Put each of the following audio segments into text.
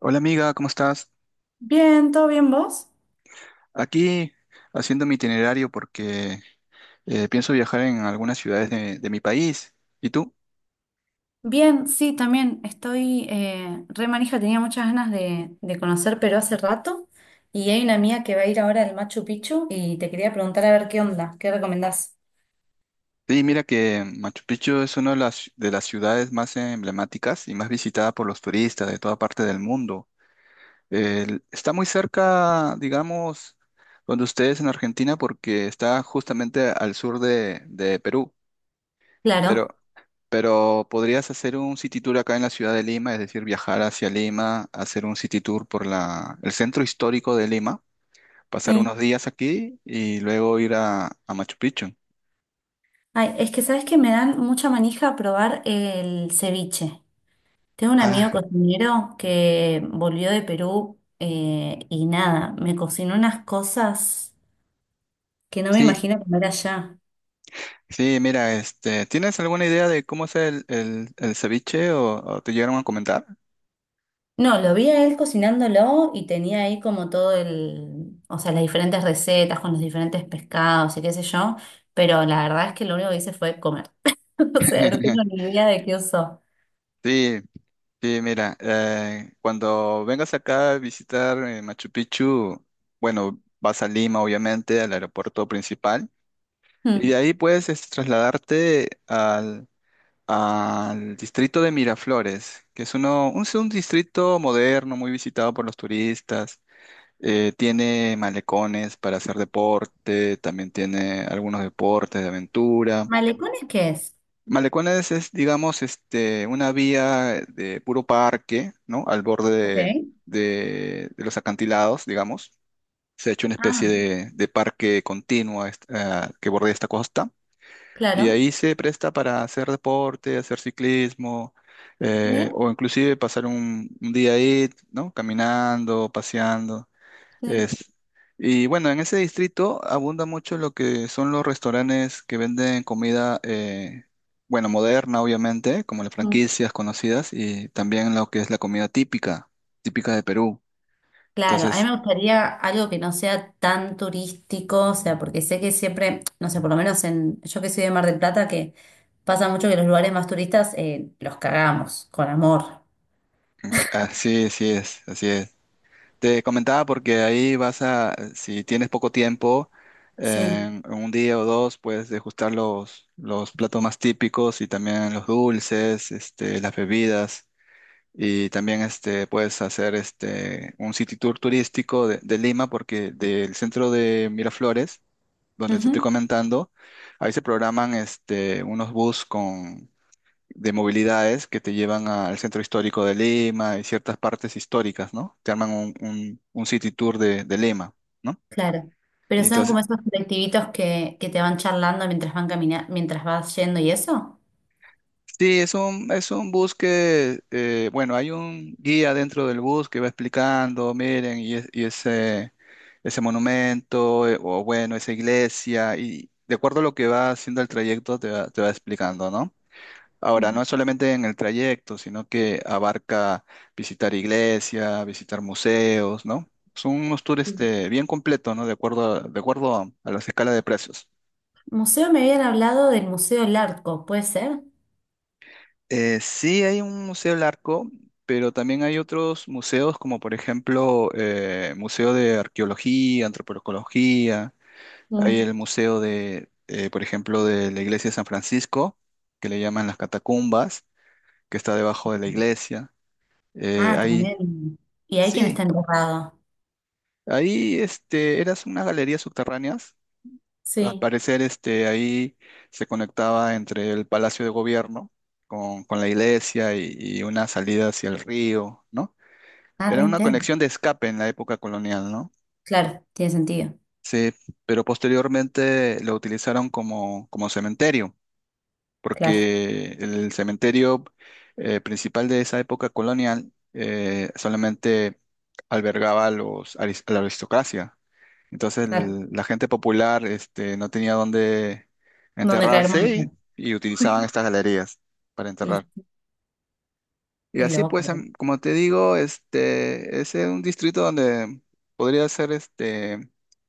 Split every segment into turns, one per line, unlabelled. Hola amiga, ¿cómo estás?
Bien, ¿todo bien vos?
Aquí haciendo mi itinerario porque pienso viajar en algunas ciudades de mi país. ¿Y tú?
Bien, sí, también estoy re manija, tenía muchas ganas de conocer Perú hace rato y hay una mía que va a ir ahora al Machu Picchu y te quería preguntar a ver qué onda, qué recomendás.
Sí, mira que Machu Picchu es una de las ciudades más emblemáticas y más visitada por los turistas de toda parte del mundo. Está muy cerca, digamos, donde ustedes en Argentina porque está justamente al sur de Perú. Pero
Claro,
Pero podrías hacer un city tour acá en la ciudad de Lima, es decir, viajar hacia Lima, hacer un city tour por el centro histórico de Lima, pasar unos
sí.
días aquí y luego ir a Machu Picchu.
Ay, es que sabes que me dan mucha manija probar el ceviche. Tengo un amigo
Ah,
cocinero que volvió de Perú, y nada, me cocinó unas cosas que no me
sí,
imagino comer allá.
sí, mira, este, ¿tienes alguna idea de cómo es el ceviche o te llegaron a comentar?
No, lo vi a él cocinándolo y tenía ahí como todo el, o sea, las diferentes recetas con los diferentes pescados y qué sé yo, pero la verdad es que lo único que hice fue comer. O sea, no tengo ni idea de qué usó.
Sí, sí, mira, cuando vengas acá a visitar Machu Picchu, bueno, vas a Lima, obviamente, al aeropuerto principal. Y
Mm.
de ahí puedes es, trasladarte al distrito de Miraflores, que es un distrito moderno, muy visitado por los turistas. Tiene malecones para hacer deporte, también tiene algunos deportes de aventura.
¿Malecones qué es?
Malecones es, digamos, este, una vía de puro parque, ¿no? Al borde
Ok.
de los acantilados, digamos. Se ha hecho una especie
Ah,
de parque continuo a que bordea esta costa. Y
claro.
ahí se presta para hacer deporte, hacer ciclismo,
¿Sí?
o inclusive pasar un día ahí, ¿no? Caminando, paseando.
Sí.
Es. Y bueno, en ese distrito abunda mucho lo que son los restaurantes que venden comida, bueno, moderna, obviamente, como las
Mm.
franquicias conocidas, y también lo que es la comida típica, típica de Perú.
Claro, a mí
Entonces,
me gustaría algo que no sea tan turístico, o sea, porque sé que siempre, no sé, por lo menos en, yo que soy de Mar del Plata, que pasa mucho que los lugares más turistas, los cagamos, con amor.
así, sí es, así es. Te comentaba porque ahí vas a, si tienes poco tiempo,
Sí,
en un día o dos puedes degustar los platos más típicos y también los dulces, este, las bebidas y también este, puedes hacer este, un city tour turístico de Lima porque del centro de Miraflores, donde te estoy
ujú,
comentando, ahí se programan este, unos bus de movilidades que te llevan al centro histórico de Lima y ciertas partes históricas, ¿no? Te arman un city tour de Lima, ¿no?
claro. Pero
Y
son como
entonces,
esos colectivitos que te van charlando mientras van caminando, mientras vas yendo y eso.
sí, es es un bus que, bueno, hay un guía dentro del bus que va explicando, miren, y ese monumento, o bueno, esa iglesia, y de acuerdo a lo que va haciendo el trayecto, te va explicando, ¿no? Ahora, no es solamente en el trayecto, sino que abarca visitar iglesia, visitar museos, ¿no? Son unos tours
Sí.
este, bien completos, ¿no? A las escalas de precios.
Museo, me habían hablado del Museo Larco, ¿puede ser?
Sí hay un museo del arco, pero también hay otros museos, como por ejemplo Museo de Arqueología, Antropología, hay
Mm.
el Museo de, por ejemplo, de la Iglesia de San Francisco, que le llaman las Catacumbas, que está debajo de la iglesia. Eh,
Ah,
hay,
tremendo. Y hay quien está
sí,
enterrado.
ahí este, eras unas galerías subterráneas. Al
Sí.
parecer, este, ahí se conectaba entre el Palacio de Gobierno con la iglesia y una salida hacia el río, ¿no?
Ah, re
Era una
intenso.
conexión de escape en la época colonial, ¿no?
Claro, tiene sentido.
Sí, pero posteriormente lo utilizaron como, como cementerio,
Claro,
porque el cementerio principal de esa época colonial solamente albergaba a la aristocracia. Entonces
claro.
la gente popular este, no tenía dónde
Donde caer
enterrarse
muerto.
y utilizaban estas galerías para
Y
enterrar. Y
qué
así pues,
loco.
como te digo, este, es un distrito donde podría ser este,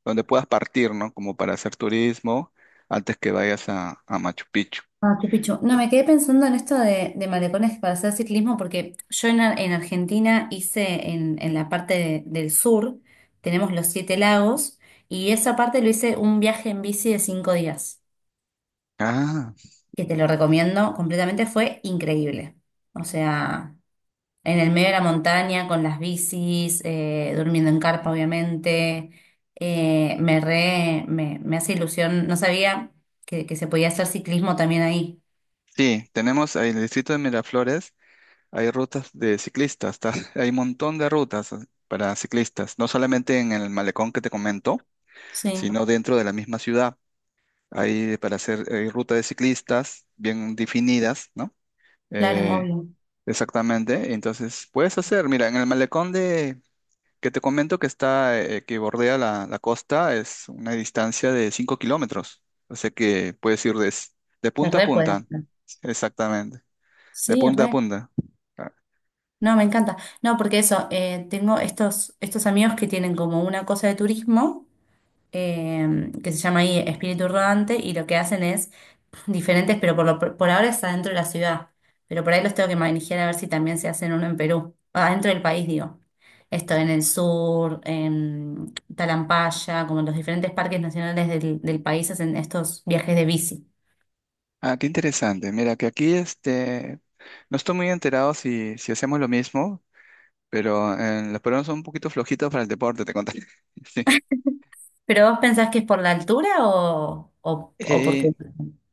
donde puedas partir, ¿no? Como para hacer turismo antes que vayas a Machu Picchu.
Ah, qué pichu. No, me quedé pensando en esto de malecones para hacer ciclismo, porque yo en Argentina hice en la parte del sur, tenemos los siete lagos, y esa parte lo hice un viaje en bici de 5 días,
Ah,
que te lo recomiendo completamente, fue increíble. O sea, en el medio de la montaña, con las bicis, durmiendo en carpa, obviamente. Me hace ilusión, no sabía que se podía hacer ciclismo también ahí.
sí, tenemos ahí en el distrito de Miraflores, hay rutas de ciclistas, hay un montón de rutas para ciclistas, no solamente en el malecón que te comento,
Sí,
sino dentro de la misma ciudad. Hay para hacer ruta de ciclistas bien definidas, ¿no?
claro,
Eh,
obvio.
Exactamente. Entonces, puedes hacer, mira, en el malecón de, que te comento que está, que bordea la costa, es una distancia de 5 kilómetros. O sea que puedes ir de, de
Se
punta a
re puede
punta,
hacer.
exactamente, de
Sí,
punta a
re.
punta. Ah,
No, me encanta. No, porque eso, tengo estos amigos que tienen como una cosa de turismo, que se llama ahí Espíritu Rodante y lo que hacen es diferentes, pero por ahora está dentro de la ciudad. Pero por ahí los tengo que manejar a ver si también se hacen uno en Perú, adentro del país, digo. Esto en el sur, en Talampaya, como en los diferentes parques nacionales del país hacen estos viajes de bici.
Qué interesante. Mira, que aquí este, no estoy muy enterado si hacemos lo mismo. Pero los peruanos son un poquito flojitos para el deporte, te contaré. Sí.
¿Pero vos pensás que es por la altura o por qué?
Eh,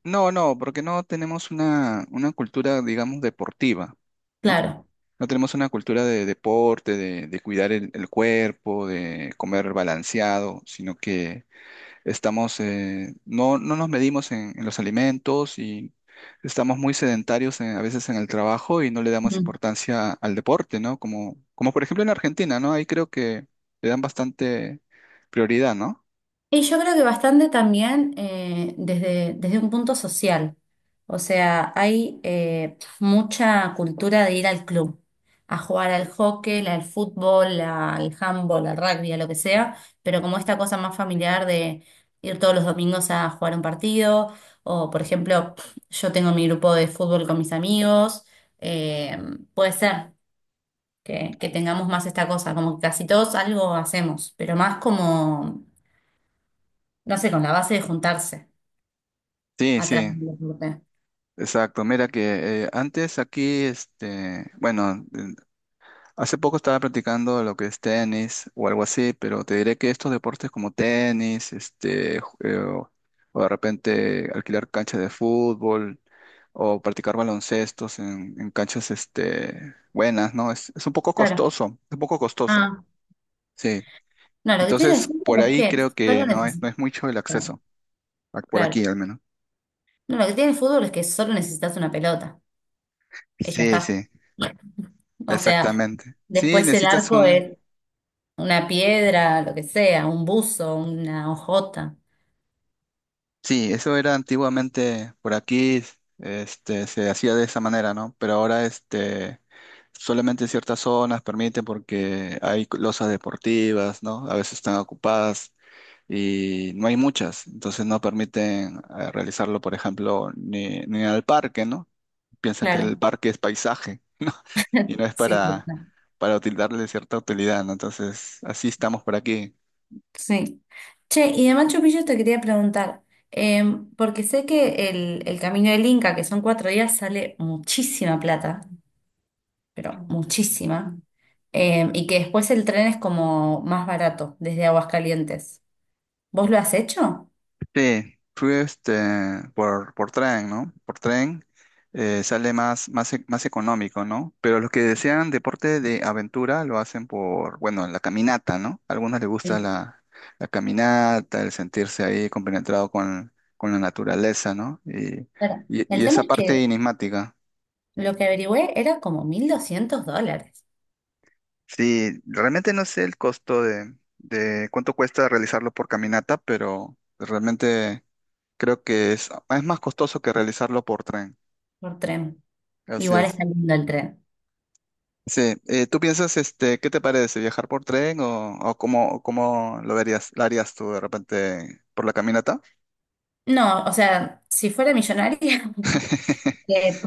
no, no, porque no tenemos una cultura, digamos, deportiva, ¿no?
Claro.
No tenemos una cultura de deporte, de cuidar el cuerpo, de comer balanceado, sino que estamos, no, no nos medimos en los alimentos y estamos muy sedentarios a veces en el trabajo y no le damos
Mm.
importancia al deporte, ¿no? Como por ejemplo en Argentina, ¿no? Ahí creo que le dan bastante prioridad, ¿no?
Y yo creo que bastante también, desde un punto social. O sea, hay mucha cultura de ir al club, a jugar al hockey, al fútbol, al handball, al rugby, a lo que sea, pero como esta cosa más familiar de ir todos los domingos a jugar un partido, o por ejemplo, yo tengo mi grupo de fútbol con mis amigos, eh, puede ser que tengamos más esta cosa, como que casi todos algo hacemos, pero más como no sé, con la base de juntarse
Sí,
atrás
sí,
del deporte.
exacto. Mira que antes aquí, este, bueno, hace poco estaba practicando lo que es tenis o algo así, pero te diré que estos deportes como tenis, este, o de repente alquilar canchas de fútbol o practicar baloncestos en canchas, este, buenas, ¿no? Es un poco
Claro.
costoso, es un poco costoso,
Ah,
sí.
no, lo que tiene el
Entonces, por
fútbol es
ahí
que
creo que
solo
no es, no
necesitas.
es mucho el acceso, por
Claro.
aquí al menos.
No, lo que tiene el fútbol es que solo necesitas una pelota. Y ya
Sí,
está.
sí,
O sea,
exactamente. Sí,
después el
necesitas
arco
un.
es una piedra, lo que sea, un buzo, una hojota.
Sí, eso era antiguamente por aquí, este, se hacía de esa manera, ¿no? Pero ahora, este, solamente ciertas zonas permiten porque hay losas deportivas, ¿no? A veces están ocupadas y no hay muchas, entonces no permiten realizarlo, por ejemplo, ni al parque, ¿no? Piensan que el
Claro.
parque es paisaje, ¿no? Y no es
Sí,
para,
total.
para util- darle cierta utilidad, ¿no? Entonces, así estamos por aquí.
Sí. Che, y de Machu Picchu te quería preguntar, porque sé que el camino del Inca, que son 4 días, sale muchísima plata. Pero muchísima. Y que después el tren es como más barato desde Aguascalientes. ¿Vos lo has hecho?
Sí, fui este, por tren, ¿no? Por tren sale más económico, ¿no? Pero los que desean deporte de aventura lo hacen por, bueno, la caminata, ¿no? A algunos les gusta
Sí.
la caminata, el sentirse ahí compenetrado con la naturaleza, ¿no? Y,
Claro.
y, y
El tema
esa
es que
parte enigmática.
lo que averigüé era como 1200 dólares
Sí, realmente no sé el costo de cuánto cuesta realizarlo por caminata, pero realmente creo que es más costoso que realizarlo por tren.
por tren.
Así
Igual
es.
está lindo el tren.
Sí, ¿tú piensas, este, qué te parece, viajar por tren o cómo lo verías, lo harías tú de repente por la caminata?
No, o sea, si fuera millonaria, eh,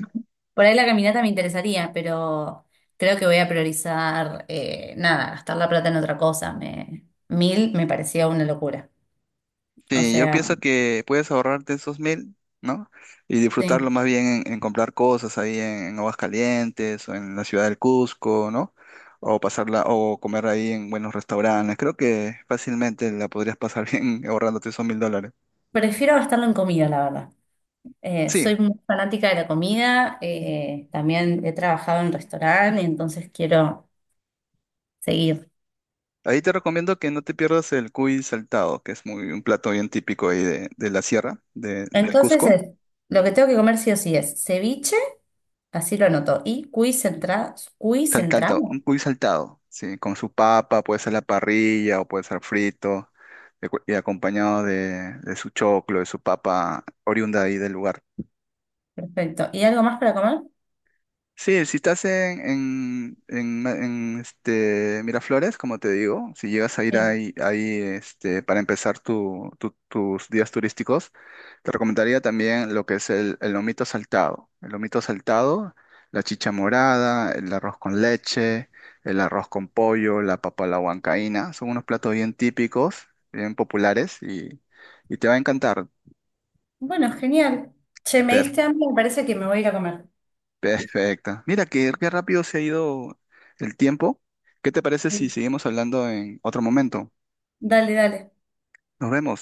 por ahí la caminata me interesaría, pero creo que voy a priorizar, nada, gastar la plata en otra cosa. 1000 me parecía una locura. O
Sí, yo
sea,
pienso que puedes ahorrarte esos 1.000, ¿no? Y disfrutarlo
sí.
más bien en comprar cosas ahí en Aguascalientes o en la ciudad del Cusco, ¿no? O pasarla, o comer ahí en buenos restaurantes. Creo que fácilmente la podrías pasar bien ahorrándote esos 1.000 dólares.
Prefiero gastarlo en comida, la verdad. Soy
Sí,
muy fanática de la comida, también he trabajado en restaurante, entonces quiero seguir.
ahí te recomiendo que no te pierdas el cuy saltado, que es muy un plato bien típico ahí de la sierra, del
Entonces,
Cusco.
lo que tengo que comer sí o sí es ceviche, así lo anoto, y cuy
Saltado,
centrado.
un cuy saltado, sí, con su papa, puede ser la parrilla o puede ser frito, y acompañado de su choclo, de su papa oriunda ahí del lugar.
Perfecto. ¿Y algo más para comer?
Sí, si estás este, Miraflores, como te digo, si llegas a ir
Sí.
ahí, ahí este, para empezar tus días turísticos, te recomendaría también lo que es el lomito saltado. El lomito saltado, la chicha morada, el arroz con leche, el arroz con pollo, la papa a la huancaína, son unos platos bien típicos, bien populares y te va a encantar.
Bueno, genial. Che, me diste hambre, me parece que me voy a ir a comer.
Perfecto. Mira, qué rápido se ha ido el tiempo. ¿Qué te parece
Sí.
si seguimos hablando en otro momento?
Dale, dale.
Nos vemos.